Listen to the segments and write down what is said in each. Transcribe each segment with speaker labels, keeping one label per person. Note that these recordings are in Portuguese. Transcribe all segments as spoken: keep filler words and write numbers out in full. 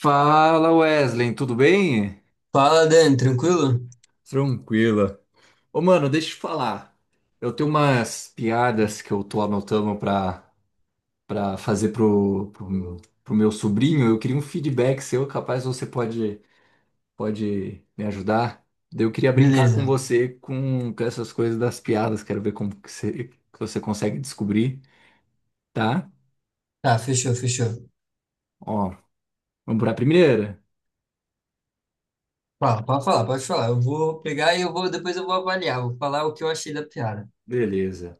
Speaker 1: Fala, Wesley, tudo bem?
Speaker 2: Fala, Dani, tranquilo?
Speaker 1: Tranquila. Ô mano, deixa eu te falar. Eu tenho umas piadas que eu tô anotando pra, pra fazer pro, pro, pro meu sobrinho. Eu queria um feedback seu, capaz você pode, pode me ajudar. Daí eu queria brincar com
Speaker 2: Beleza.
Speaker 1: você com, com essas coisas das piadas. Quero ver como que você, que você consegue descobrir, tá?
Speaker 2: Tá, fechou, fechou.
Speaker 1: Ó, vamos pra primeira?
Speaker 2: Fala, pode falar, pode falar. Eu vou pegar e eu vou, depois eu vou avaliar, vou falar o que eu achei da piada.
Speaker 1: Beleza.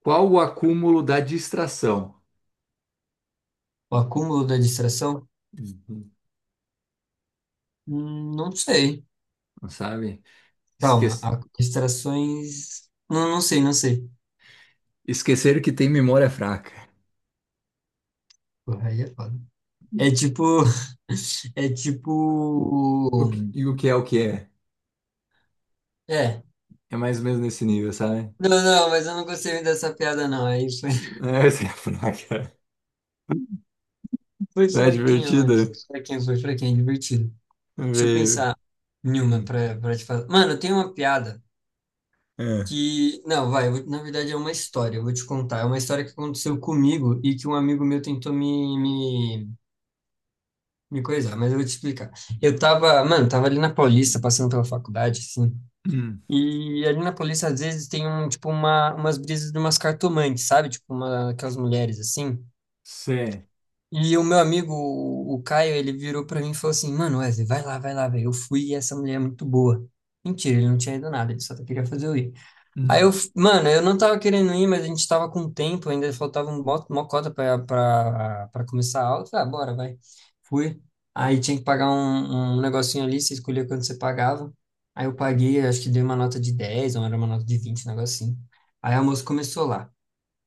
Speaker 1: Qual o acúmulo da distração?
Speaker 2: O acúmulo da distração?
Speaker 1: Uhum.
Speaker 2: Hum, não sei.
Speaker 1: Sabe? Esque
Speaker 2: Calma, a- distrações. Não, não sei, não sei.
Speaker 1: Esquecer que tem memória fraca.
Speaker 2: Porra, aí é foda. É tipo. É tipo.
Speaker 1: O que, e o que é o que é?
Speaker 2: É.
Speaker 1: É mais ou menos nesse nível, sabe?
Speaker 2: Não, não, mas eu não gostei muito dessa piada, não. Aí foi,
Speaker 1: É, essa é a fraca.
Speaker 2: foi
Speaker 1: Tá
Speaker 2: fraquinho, mano.
Speaker 1: divertida?
Speaker 2: Foi fraquinho, foi fraquinho, divertido. Deixa eu
Speaker 1: Veio.
Speaker 2: pensar em uma
Speaker 1: Hum,
Speaker 2: pra, pra te falar. Mano, tem uma piada.
Speaker 1: é.
Speaker 2: Que, não, vai, eu vou- na verdade é uma história, eu vou te contar. É uma história que aconteceu comigo e que um amigo meu tentou me, me, me coisar, mas eu vou te explicar. Eu tava, mano, tava ali na Paulista, passando pela faculdade, assim,
Speaker 1: Hum,
Speaker 2: e ali na Paulista às vezes tem um, tipo, uma, umas brisas de umas cartomantes, sabe? Tipo, uma, aquelas mulheres, assim.
Speaker 1: cê.
Speaker 2: E o meu amigo, o, o Caio, ele virou pra mim e falou assim, mano, Wesley, vai lá, vai lá, velho, eu fui e essa mulher é muito boa. Mentira, ele não tinha ido nada, ele só queria fazer eu ir. Aí eu,
Speaker 1: Hum,
Speaker 2: f- mano, eu não tava querendo ir, mas a gente tava com tempo, ainda faltava um bo- uma cota pra, pra, pra começar a aula. Eu Falei, ah, bora, vai. Fui. Aí tinha que pagar um, um negocinho ali, você escolhia quanto você pagava. Aí eu paguei, acho que dei uma nota de dez, ou era uma nota de vinte, um negocinho. Aí a moça começou lá.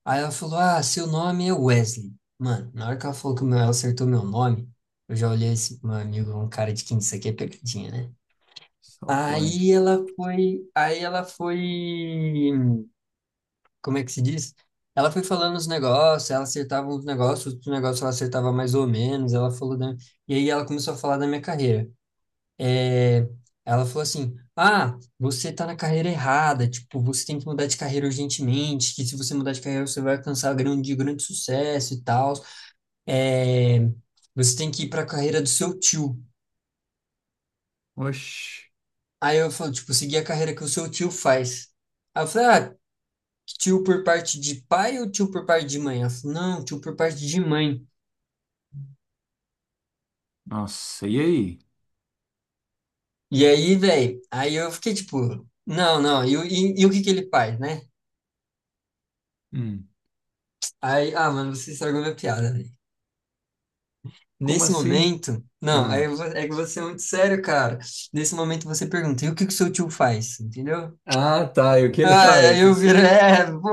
Speaker 2: Aí ela falou, ah, seu nome é Wesley. Mano, na hora que ela falou que o meu, ela acertou meu nome, eu já olhei esse meu amigo, um cara de quinze, isso aqui é pegadinha, né?
Speaker 1: só
Speaker 2: Aí
Speaker 1: pode.
Speaker 2: ela foi, aí ela foi como é que se diz? Ela foi falando os negócios, ela acertava uns negócios, outros negócios ela acertava mais ou menos, ela falou da... E aí ela começou a falar da minha carreira. É, ela falou assim, ah, você tá na carreira errada, tipo, você tem que mudar de carreira urgentemente, que se você mudar de carreira você vai alcançar grande, grande sucesso e tal. É, você tem que ir pra carreira do seu tio.
Speaker 1: Oxi.
Speaker 2: Aí eu falo, tipo, seguir a carreira que o seu tio faz. Aí eu falei, ah, tio por parte de pai ou tio por parte de mãe? Ela falou, não, tio por parte de mãe.
Speaker 1: Nossa, e aí?
Speaker 2: E aí, velho, aí eu fiquei tipo, não, não, e, o- e, e o que que ele faz, né?
Speaker 1: Hum,
Speaker 2: Aí, ah, mano, você estragou minha piada, velho.
Speaker 1: como
Speaker 2: Nesse
Speaker 1: assim?
Speaker 2: momento, não,
Speaker 1: Ah,
Speaker 2: aí eu vou- é que você é muito sério, cara. Nesse momento você pergunta, e o que que o seu tio faz, entendeu?
Speaker 1: ah, tá. E o que ele
Speaker 2: Ah, aí
Speaker 1: faz?
Speaker 2: eu
Speaker 1: Isso-
Speaker 2: viro, é, pô,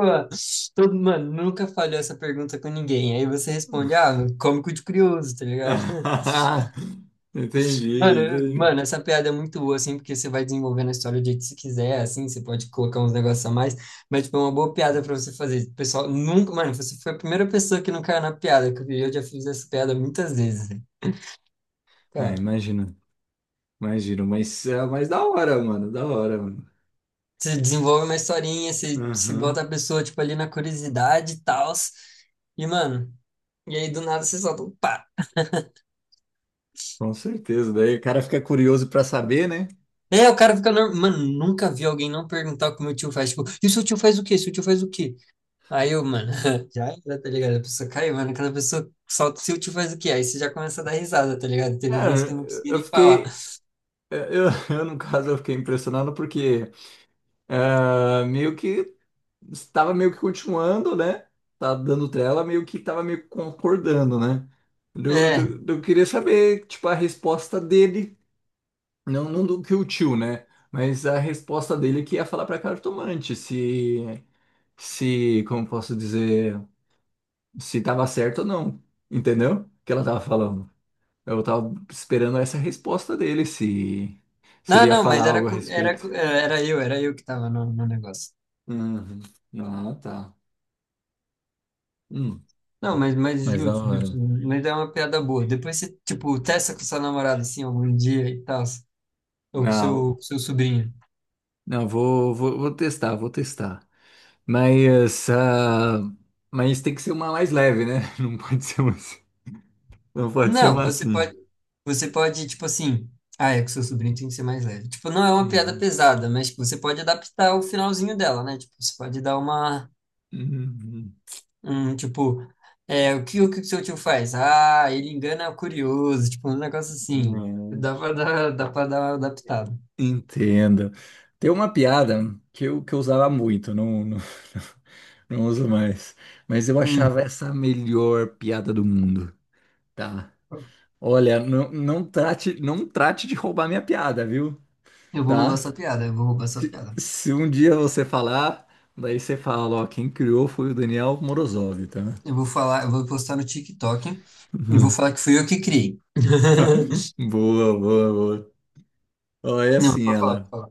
Speaker 2: todo, mano, nunca falhou essa pergunta com ninguém. Aí você responde, ah, cômico de curioso, tá ligado?
Speaker 1: Entendi,
Speaker 2: Mano, eu-
Speaker 1: entendi.
Speaker 2: mano, essa piada é muito boa, assim, porque você vai desenvolvendo a história do jeito que você quiser, assim, você pode colocar uns negócios a mais, mas, tipo, é uma boa piada pra você fazer. O Pessoal, nunca, mano, você foi a primeira pessoa que não caiu na piada, que eu vi, eu já fiz essa piada muitas vezes, né,
Speaker 1: É,
Speaker 2: cara.
Speaker 1: imagino, imagino. Mas, é, mas da hora, mano. Da hora, mano.
Speaker 2: Você desenvolve uma historinha, você, você bota
Speaker 1: Aham.
Speaker 2: a pessoa, tipo, ali na curiosidade e tal, e, mano, e aí do nada você solta, um pá!
Speaker 1: Com certeza, daí o cara fica curioso para saber, né?
Speaker 2: É, o cara fica normal. Mano, nunca vi alguém não perguntar o que meu tio faz, tipo, e o seu tio faz o quê? Seu tio faz o quê? Aí eu, mano, já era, tá ligado? A pessoa caiu, mano. Aquela pessoa solta o tilt e faz o quê? Aí você já começa a dar risada, tá ligado? Teve um mês que eu
Speaker 1: Cara,
Speaker 2: não consegui
Speaker 1: eu
Speaker 2: nem falar.
Speaker 1: fiquei, eh, eu, eu, no caso, eu fiquei impressionado porque ah, meio que estava meio que continuando, né? Tá dando trela, meio que estava meio que concordando, né? Eu,
Speaker 2: É.
Speaker 1: eu, eu queria saber, tipo, a resposta dele, não, não do que o tio, né? Mas a resposta dele que ia falar pra cartomante se, se, como posso dizer, se tava certo ou não, entendeu? O que ela tava falando. Eu tava esperando essa resposta dele, se, se ele
Speaker 2: Não,
Speaker 1: ia
Speaker 2: não,
Speaker 1: falar
Speaker 2: mas era,
Speaker 1: algo a
Speaker 2: com- era,
Speaker 1: respeito.
Speaker 2: com- é, era eu, era eu que tava no, no negócio.
Speaker 1: Uhum. Ah, tá. Hum.
Speaker 2: Não, mas, mas
Speaker 1: Mas da
Speaker 2: justo, justo.
Speaker 1: hora.
Speaker 2: Mas é uma piada boa. Depois você, tipo, testa com sua namorada, assim, algum dia e tal. Ou com
Speaker 1: Não,
Speaker 2: seu, com seu sobrinho.
Speaker 1: não, vou, vou, vou testar, vou testar. Mas, ah, mas tem que ser uma mais leve, né? Não pode ser uma, assim- Não pode ser
Speaker 2: Não,
Speaker 1: uma
Speaker 2: você
Speaker 1: assim.
Speaker 2: pode, você pode, tipo assim. Ah, é que seu sobrinho tem que ser mais leve. Tipo, não é uma piada
Speaker 1: Uhum.
Speaker 2: pesada, mas tipo, você pode adaptar o finalzinho dela, né? Tipo, você pode dar uma Hum, tipo, é, o que, o que o seu tio faz? Ah, ele engana o curioso, tipo, um negócio assim.
Speaker 1: Uhum.
Speaker 2: Dá pra dar, dá pra dar uma adaptada.
Speaker 1: Entendo. Tem uma piada que eu, que eu usava muito, não, não, não uso mais, mas eu
Speaker 2: Hum,
Speaker 1: achava essa a melhor piada do mundo, tá? Olha, não, não trate, não trate de roubar minha piada, viu?
Speaker 2: eu vou roubar
Speaker 1: Tá?
Speaker 2: essa piada, eu vou roubar essa
Speaker 1: Se,
Speaker 2: piada.
Speaker 1: se um dia você falar, daí você fala, ó, quem criou foi o Daniel Morozov, tá?
Speaker 2: Eu vou falar, eu vou postar no TikTok e vou falar que fui eu que criei.
Speaker 1: Boa, boa, boa. Ó, é
Speaker 2: Não,
Speaker 1: assim,
Speaker 2: pode falar, pode
Speaker 1: ela.
Speaker 2: falar.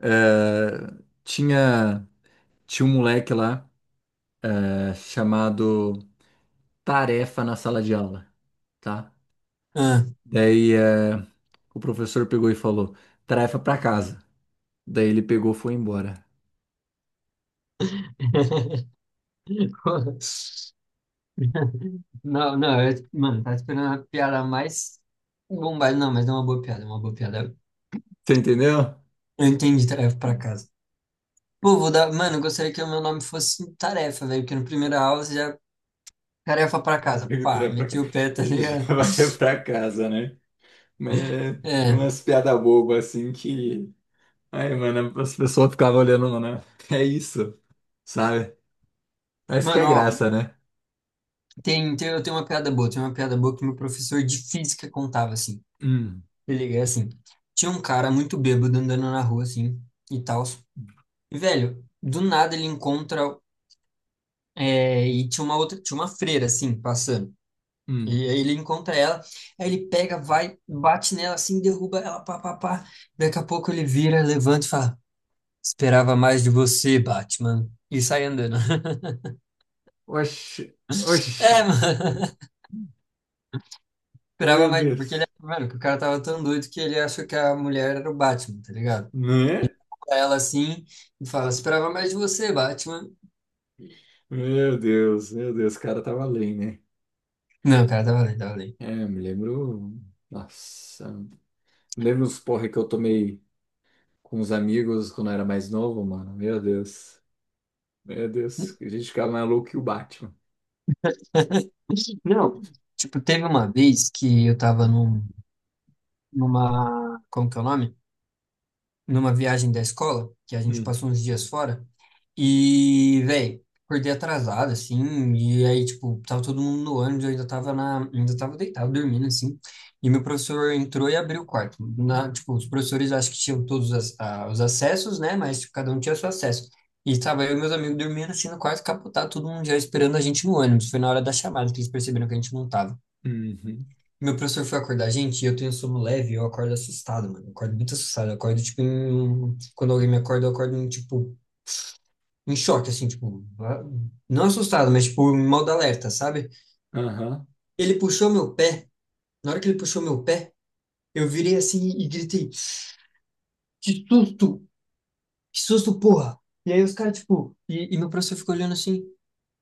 Speaker 1: É, tinha, tinha um moleque lá, é, chamado. Tarefa na sala de aula, tá?
Speaker 2: Ah.
Speaker 1: Daí eh, o professor pegou e falou, tarefa pra casa. Daí ele pegou e foi embora.
Speaker 2: Não, não, eu, mano, tá esperando uma piada mais bombada. Não, mas é uma boa piada, é uma boa piada.
Speaker 1: Você entendeu?
Speaker 2: Eu entendi, trago pra casa. Pô, vou dar. Mano, eu gostaria que o meu nome fosse tarefa, velho, porque no primeiro aula você já. Tarefa pra casa.
Speaker 1: Pega o
Speaker 2: Pá,
Speaker 1: pra
Speaker 2: meti
Speaker 1: cá.
Speaker 2: o pé, tá ligado?
Speaker 1: Já vai pra casa, né? Mas é
Speaker 2: É.
Speaker 1: umas piadas bobas assim que. Ai, mano, as pessoas ficavam olhando, né? É isso, sabe? Mas que é
Speaker 2: Mano, ó,
Speaker 1: graça, né?
Speaker 2: tem, tem, eu tenho uma piada boa. Tem uma piada boa que meu professor de física contava, assim.
Speaker 1: Hum,
Speaker 2: Ele é assim. Tinha um cara muito bêbado andando na rua, assim, e tal. E, velho, do nada ele encontra. É, e tinha uma outra, tinha uma freira, assim, passando.
Speaker 1: hum.
Speaker 2: E aí ele encontra ela, aí ele pega, vai, bate nela, assim, derruba ela, pá, pá, pá. Daqui a pouco ele vira, levanta e fala. Esperava mais de você, Batman. E sai andando.
Speaker 1: Oxi, oxi.
Speaker 2: É, mano. Esperava
Speaker 1: Meu
Speaker 2: mais, porque ele, é,
Speaker 1: Deus.
Speaker 2: mano, que o cara tava tão doido que ele achou que a mulher era o Batman, tá ligado?
Speaker 1: Né?
Speaker 2: Pra ela assim, e fala, esperava mais de você, Batman.
Speaker 1: Meu Deus, meu Deus, o cara tava além, né?
Speaker 2: Não, cara, tava lendo, tava lendo.
Speaker 1: É, eu me lembro. Nossa, me lembro os porre que eu tomei com os amigos quando eu era mais novo, mano. Meu Deus. Meu Deus. A gente ficava mais louco que o Batman.
Speaker 2: Não, tipo, teve uma vez que eu tava num, numa, como que é o nome? Numa viagem da escola, que a gente
Speaker 1: Hum.
Speaker 2: passou uns dias fora, e, velho, acordei atrasado, assim, e aí, tipo, tava todo mundo no ônibus, eu ainda tava na, ainda tava deitado, dormindo, assim, e meu professor entrou e abriu o quarto. Na, tipo, os professores acho que tinham todos as- a- os acessos, né, mas tipo, cada um tinha seu acesso. E tava eu e meus amigos dormindo, assim, no quarto, capotado, todo mundo já esperando a gente no ônibus. Foi na hora da chamada que eles perceberam que a gente não tava.
Speaker 1: Uhum.
Speaker 2: Meu professor foi acordar a gente e eu tenho sono leve, e eu acordo assustado, mano. Eu acordo muito assustado. Eu acordo, tipo, em... um, quando alguém me acorda, eu acordo, em, tipo, em choque, assim, tipo, ah, não assustado, mas, tipo, em modo alerta, sabe?
Speaker 1: Aham.
Speaker 2: Ele puxou meu pé. Na hora que ele puxou meu pé, eu virei assim e gritei: Que susto! Que susto, porra! E aí os caras, tipo, e, e meu professor ficou olhando assim,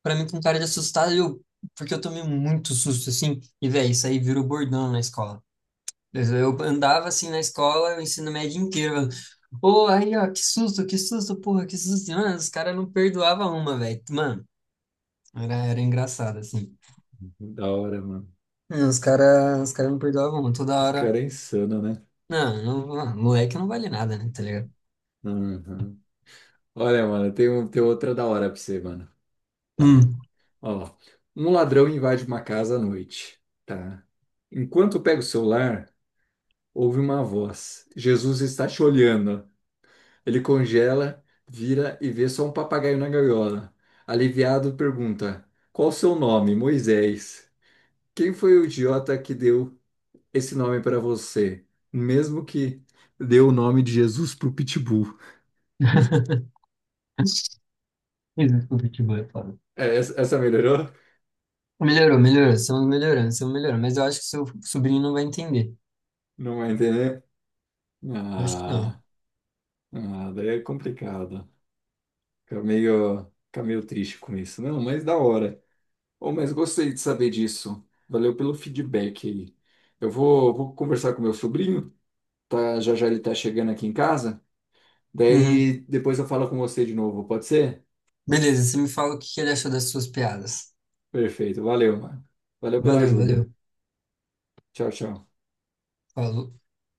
Speaker 2: pra mim com cara de assustado, e eu, porque eu tomei muito susto, assim, e, velho, isso aí virou bordão na escola. Eu andava assim na escola, o ensino médio inteiro. Pô, aí, ó, que susto, que susto, porra, que susto. Mano, os caras não perdoavam uma, velho. Mano, era, era engraçado, assim.
Speaker 1: Da hora, mano.
Speaker 2: É, Os caras, os cara não perdoavam uma, toda
Speaker 1: Esse
Speaker 2: hora.
Speaker 1: cara é insano, né?
Speaker 2: Não, não, ah, moleque não vale nada, né, tá ligado?
Speaker 1: Uhum. Olha, mano, tem, um- tem outra da hora pra você, mano. Tá.
Speaker 2: Hum.
Speaker 1: Ó. Um ladrão invade uma casa à noite. Tá. Enquanto pega o celular, ouve uma voz: Jesus está te olhando. Ele congela, vira e vê só um papagaio na gaiola. Aliviado, pergunta: qual o seu nome, Moisés? Quem foi o idiota que deu esse nome para você? Mesmo que deu o nome de Jesus pro Pitbull.
Speaker 2: Desculpa, futebol é foda.
Speaker 1: É, essa, essa melhorou?
Speaker 2: Melhorou, melhorou, estamos melhorando, estamos melhorando. Mas eu acho que seu sobrinho não vai entender.
Speaker 1: Não vai entender?
Speaker 2: Eu acho que
Speaker 1: Ah,
Speaker 2: não.
Speaker 1: ah, daí é complicado. Fica meio, fica meio triste com isso. Não, mas da hora. Oh, mas gostei de saber disso. Valeu pelo feedback aí. Eu vou, vou conversar com meu sobrinho. Tá, já já ele tá chegando aqui em casa.
Speaker 2: Uhum.
Speaker 1: Daí depois eu falo com você de novo, pode ser?
Speaker 2: Beleza, você me fala o que que ele achou das suas piadas.
Speaker 1: Perfeito, valeu, mano. Valeu pela
Speaker 2: Valeu,
Speaker 1: ajuda.
Speaker 2: valeu.
Speaker 1: Tchau, tchau.
Speaker 2: Falou.